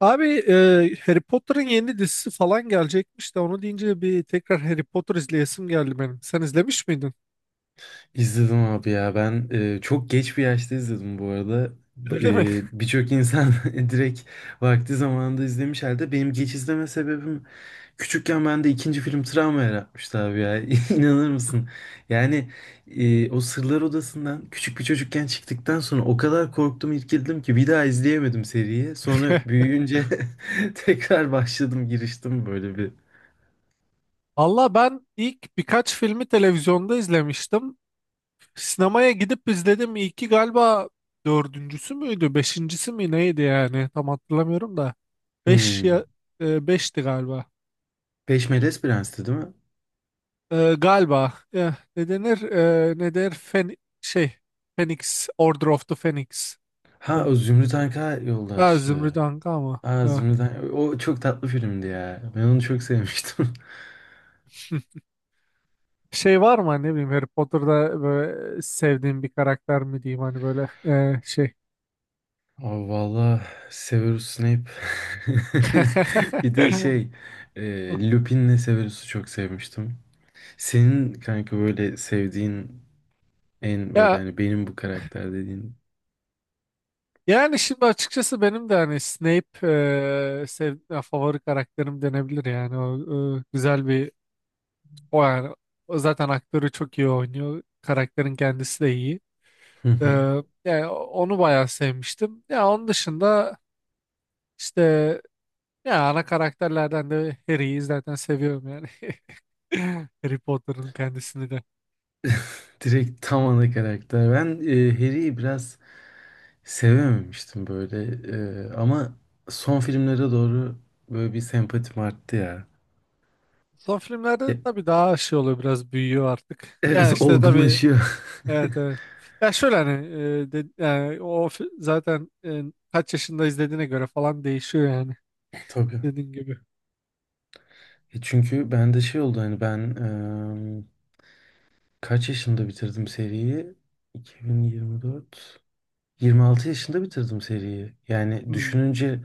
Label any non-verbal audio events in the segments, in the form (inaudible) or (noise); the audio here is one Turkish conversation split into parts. Abi Harry Potter'ın yeni dizisi falan gelecekmiş de onu deyince bir tekrar Harry Potter izleyesim geldi benim. Sen izlemiş miydin? İzledim abi ya ben çok geç bir yaşta izledim bu arada. B- Öyle mi? Birçok insan (laughs) direkt vakti zamanında izlemiş halde benim geç izleme sebebim küçükken bende ikinci film travma yaratmıştı abi ya (laughs) inanır mısın? Yani o Sırlar Odası'ndan küçük bir çocukken çıktıktan sonra o kadar korktum irkildim ki bir daha izleyemedim seriyi. Sonra (laughs) büyüyünce (laughs) tekrar başladım giriştim böyle bir. Valla ben ilk birkaç filmi televizyonda izlemiştim. Sinemaya gidip izledim. İlki galiba dördüncüsü müydü? Beşincisi mi neydi yani? Tam hatırlamıyorum da. Beş Hmm. ya beşti galiba. Beş Melez Prens'ti değil mi? E, galiba. E, ne denir? E, ne der? Fen şey. Phoenix. Order of the Phoenix. Ha Tam- o Zümrüt Anka Ha, yoldaştı. Zümrüt Anka ama. Aa, Zümrüt'ten. O çok tatlı filmdi ya. Ben onu çok sevmiştim. E. Şey var mı hani ne bileyim Harry Potter'da böyle sevdiğin bir karakter mi diyeyim hani böyle. (laughs) Aa, valla Severus Snape. (laughs) Bir (laughs) de şey Lupin'le Severus'u çok sevmiştim. Senin kanka böyle sevdiğin en böyle Ya hani benim bu karakter dediğin. yani şimdi açıkçası benim de hani Snape ya favori karakterim denebilir yani güzel bir o yani o zaten aktörü çok iyi oynuyor, karakterin kendisi de iyi. Hı E, hı. Yani onu bayağı sevmiştim ya. Onun dışında işte ya, ana karakterlerden de Harry'yi zaten seviyorum yani. (laughs) Harry Potter'ın kendisini de. Direkt tam ana karakter. Ben Harry'i biraz sevememiştim böyle. Ama son filmlere doğru böyle bir sempatim arttı ya. Son filmlerde Ya, tabii daha şey oluyor, biraz büyüyor artık. Yani evet işte tabii olgunlaşıyor. evet, evet. Ya şöyle hani yani zaten kaç yaşında izlediğine göre falan değişiyor yani, (laughs) Tabii. dediğin gibi. Çünkü ben de şey oldu hani ben eee, kaç yaşında bitirdim seriyi? 2024. 26 yaşında bitirdim seriyi. Yani Hmm. düşününce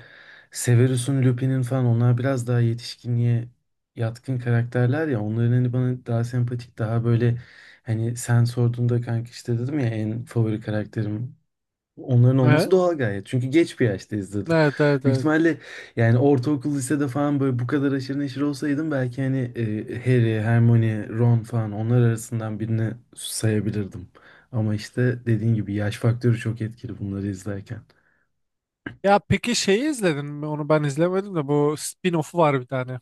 Severus'un, Lupin'in falan onlar biraz daha yetişkinliğe yatkın karakterler ya. Onların hani bana daha sempatik, daha böyle hani sen sorduğunda kanka işte dedim ya en favori karakterim. Onların Evet. olması doğal gayet. Çünkü geç bir yaşta izledim. Evet, evet, Büyük evet. ihtimalle yani ortaokul, lisede falan böyle bu kadar aşırı neşir olsaydım belki hani Harry, Hermione, Ron falan onlar arasından birini sayabilirdim. Ama işte dediğin gibi yaş faktörü çok etkili bunları izlerken. Ya peki şeyi izledin mi? Onu ben izlemedim de, bu spin-off'u var bir tane.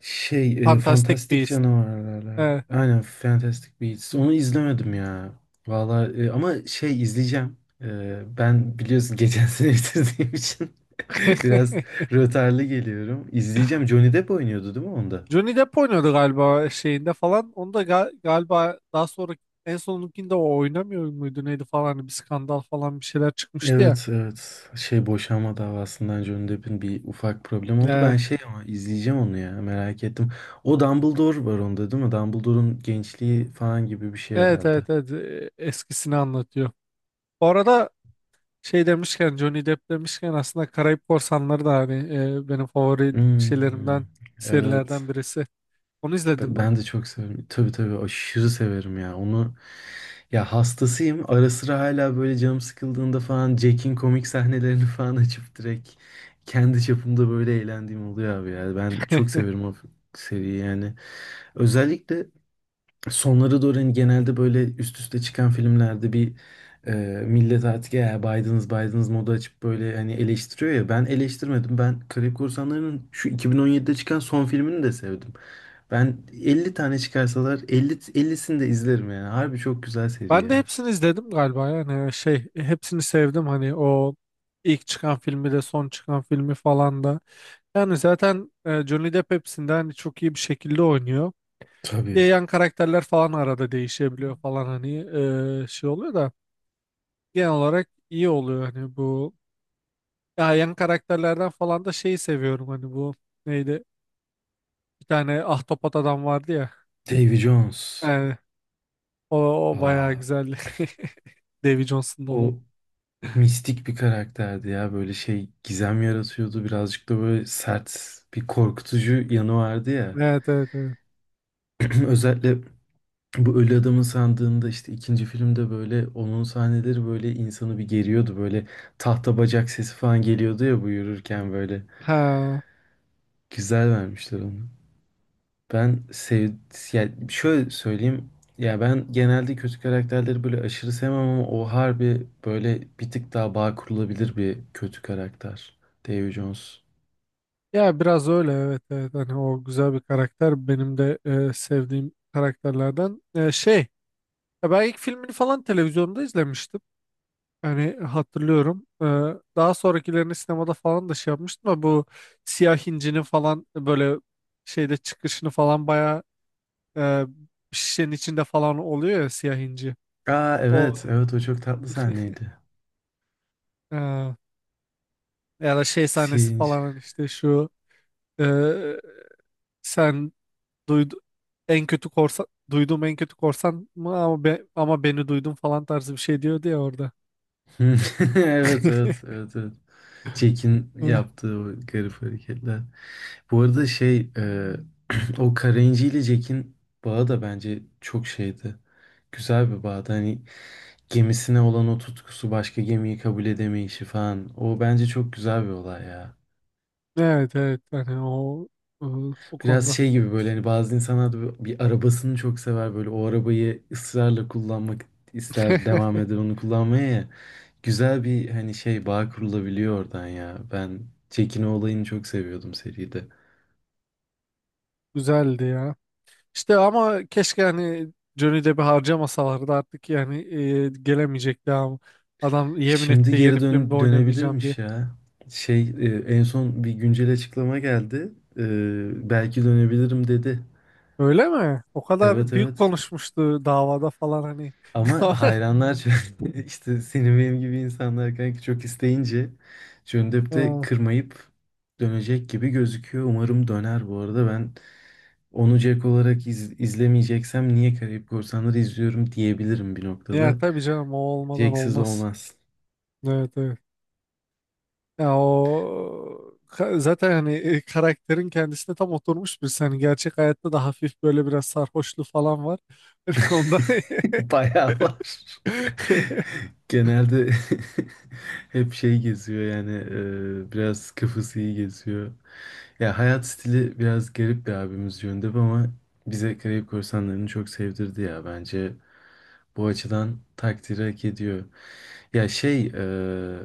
Şey, Fantastic Fantastik Beasts. Canavarlar. Evet. Aynen Fantastic Beasts. Onu izlemedim ya. Valla ama şey izleyeceğim. Ben biliyorsun geçen sene (laughs) bitirdiğim için (laughs) (laughs) biraz rötarlı geliyorum. İzleyeceğim. Johnny Depp oynuyordu değil mi onda? Johnny Depp oynuyordu galiba şeyinde falan. Onu da galiba daha sonra en sonunkinde o oynamıyor muydu neydi falan, hani bir skandal falan bir şeyler çıkmıştı ya. Evet evet. Şey boşanma davasından Johnny Depp'in bir ufak problem oldu. Ee, Ben şey ama izleyeceğim onu ya merak ettim. O Dumbledore var onda değil mi? Dumbledore'un gençliği falan gibi bir şey evet, herhalde. evet, evet. Eskisini anlatıyor. Bu arada şey demişken, Johnny Depp demişken, aslında Karayip Korsanları da hani benim favori Hmm, şeylerimden, evet. serilerden birisi. Onu izledin mi? Ben de çok severim. Tabii tabii aşırı severim ya. Onu ya hastasıyım. Ara sıra hala böyle canım sıkıldığında falan Jack'in komik sahnelerini (laughs) falan açıp direkt kendi çapımda böyle eğlendiğim oluyor abi ya. Ben çok severim o seriyi yani. Özellikle sonları doğru hani genelde böyle üst üste çıkan filmlerde bir e, millet artık ya Biden's modu açıp böyle hani eleştiriyor ya ben eleştirmedim. Ben Karayip Korsanları'nın şu 2017'de çıkan son filmini de sevdim. Ben 50 tane çıkarsalar 50 50'sini de izlerim yani. Harbi çok güzel seri Ben de ya. hepsini izledim galiba. Yani şey, hepsini sevdim hani o ilk çıkan filmi de son çıkan filmi falan da. Yani zaten Johnny Depp hepsinde hani çok iyi bir şekilde oynuyor. Tabii. Yan karakterler falan arada değişebiliyor falan hani, şey oluyor da genel olarak iyi oluyor hani bu. Ya yan karakterlerden falan da şeyi seviyorum, hani bu neydi? Bir tane ahtapot adam vardı ya. Davy Jones. Yani o, o bayağı Aa, güzeldi. (laughs) Davy Johnson'da o olan. mistik bir karakterdi ya. Böyle şey gizem yaratıyordu. Birazcık da böyle sert bir korkutucu yanı vardı ya. Evet, evet, evet. (clears throat) Özellikle bu Ölü Adamın Sandığı'nda işte ikinci filmde böyle onun sahneleri böyle insanı bir geriyordu. Böyle tahta bacak sesi falan geliyordu ya bu yürürken böyle. Ha. Güzel vermişler onu. Ben sev Yani şöyle söyleyeyim. Ya ben genelde kötü karakterleri böyle aşırı sevmem ama o harbi böyle bir tık daha bağ kurulabilir bir kötü karakter. Davy Jones. Ya biraz öyle, evet, evet, hani o güzel bir karakter, benim de sevdiğim karakterlerden. E, şey, ya ben ilk filmini falan televizyonda izlemiştim. Hani hatırlıyorum. Daha sonrakilerini sinemada falan da şey yapmıştım ama bu Siyah Hinci'nin falan böyle şeyde çıkışını falan bayağı, e, şişenin içinde falan oluyor ya siyah inci. Aa evet O evet o çok tatlı sahneydi. e, ya da şey sahnesi Singe. falan hani işte şu, e, sen duydu en kötü korsan, duyduğum en kötü korsan mı, ama ama beni duydun falan tarzı bir şey diyordu ya orada. (laughs) Evet evet (laughs) evet evet. Jack'in Eh, yaptığı o garip hareketler. Bu arada şey (clears throat) o Karenci ile Jack'in bağı da bence çok şeydi. Güzel bir bağdı. Hani gemisine olan o tutkusu, başka gemiyi kabul edemeyişi falan. O bence çok güzel bir olay ya. evet, evet, hani o, eh, o Biraz konuda şey gibi böyle hani bazı insanlar da bir arabasını çok sever böyle o arabayı ısrarla kullanmak ister (laughs) devam eder onu kullanmaya ya. Güzel bir hani şey bağ kurulabiliyor oradan ya. Ben Çekino olayını çok seviyordum seride. güzeldi ya. İşte ama keşke hani Johnny Depp'i harcamasalardı artık. Yani eh, gelemeyecekti ama adam yemin Şimdi etti, yeni geri filmde dön oynamayacağım diye. dönebilirmiş ya. Şey en son bir güncel açıklama geldi. Belki dönebilirim dedi. Öyle mi? O kadar Evet büyük evet. konuşmuştu davada falan hani. Ama (laughs) hayranlar (laughs) işte senin benim gibi insanlar kanka çok isteyince dönüp de Ha, kırmayıp dönecek gibi gözüküyor. Umarım döner bu arada. Ben onu Jack olarak izlemeyeceksem niye Karayip Korsanları izliyorum diyebilirim bir ya noktada. tabii canım, o olmadan Jack'siz olmaz. olmaz. Evet, evet. Ya zaten hani karakterin kendisine tam oturmuş bir, hani gerçek hayatta da hafif böyle biraz sarhoşluğu falan var. (laughs) Onda (laughs) Bayağı var. (laughs) (laughs) Genelde (laughs) hep şey geziyor yani biraz kafası iyi geziyor. Ya hayat stili biraz garip bir abimiz yönde ama bize Karayip Korsanları'nı çok sevdirdi ya bence. Bu açıdan takdiri hak ediyor. Ya şey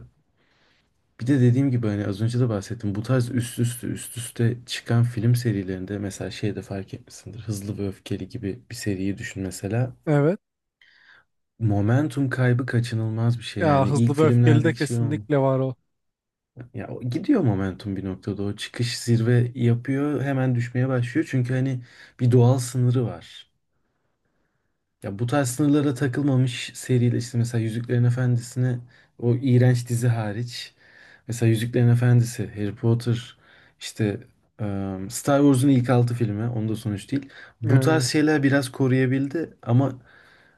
bir de dediğim gibi hani az önce de bahsettim. Bu tarz üst üste çıkan film serilerinde mesela şeyde fark etmişsindir. Hızlı ve Öfkeli gibi bir seriyi düşün mesela. evet. Momentum kaybı kaçınılmaz bir şey Ya yani ilk Hızlı ve Öfkeli de filmlerdeki şey olmuyor. kesinlikle var o. Ya o gidiyor momentum bir noktada o çıkış zirve yapıyor hemen düşmeye başlıyor çünkü hani bir doğal sınırı var. Ya bu tarz sınırlara takılmamış seriyle işte mesela Yüzüklerin Efendisi'ne o iğrenç dizi hariç mesela Yüzüklerin Efendisi, Harry Potter işte e, Star Wars'un ilk altı filmi onda sonuç değil. Bu tarz Yani şeyler biraz koruyabildi ama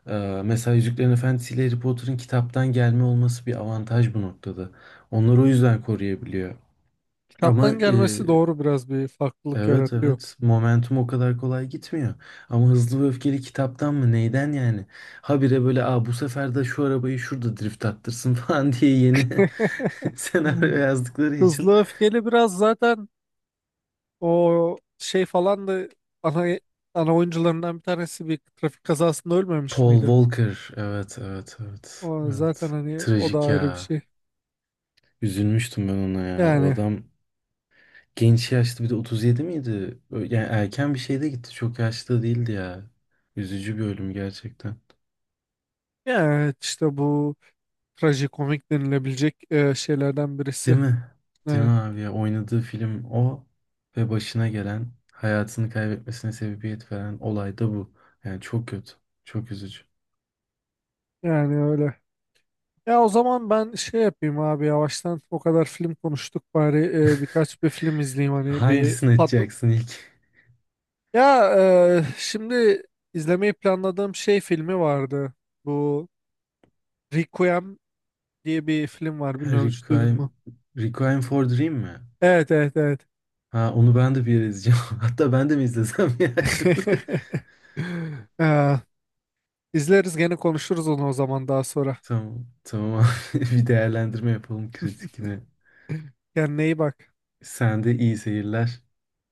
mesela Yüzüklerin Efendisi ile Harry Potter'ın kitaptan gelme olması bir avantaj bu noktada. Onları o yüzden koruyabiliyor. Ama kitaptan gelmesi doğru, biraz bir farklılık evet yaratıyor. evet momentum o kadar kolay gitmiyor. Ama Hızlı ve Öfkeli kitaptan mı neyden yani? Habire böyle Aa, bu sefer de şu arabayı şurada drift attırsın (laughs) falan diye yeni (laughs) (laughs) senaryo Hmm. yazdıkları için. Hızlı Öfkeli biraz zaten, o şey falan da ana, ana oyuncularından bir tanesi bir trafik kazasında ölmemiş Paul miydi? Walker evet evet evet O zaten evet. hani o da Trajik ayrı bir ya. şey. Üzülmüştüm ben ona ya. O Yani adam genç yaşta bir de 37 miydi? Yani erken bir şeyde gitti. Çok yaşlı değildi ya. Üzücü bir ölüm gerçekten. yani evet, işte bu trajikomik denilebilecek şeylerden birisi. Değil mi? Değil mi Evet, abi ya? Oynadığı film o ve başına gelen hayatını kaybetmesine sebebiyet veren olay da bu. Yani çok kötü. Çok üzücü. yani öyle. Ya o zaman ben şey yapayım abi, yavaştan o kadar film konuştuk, bari birkaç bir film izleyeyim hani, bir Hangisini patlı. açacaksın ilk? (laughs) Ya şimdi izlemeyi planladığım şey filmi vardı. Bu Requiem diye bir film var. Ha, Bilmiyorum, hiç duydun Requiem, mu? Requiem for Dream mi? Evet, evet, evet. Ha onu ben de bir yere izleyeceğim. (laughs) Hatta ben de mi izlesem ya şimdi? (laughs) Ee, izleriz, gene konuşuruz onu o zaman daha sonra. (laughs) Tamam. Tamam abi. (laughs) Bir değerlendirme yapalım kritikini. Kendine iyi bak. Sen de iyi seyirler.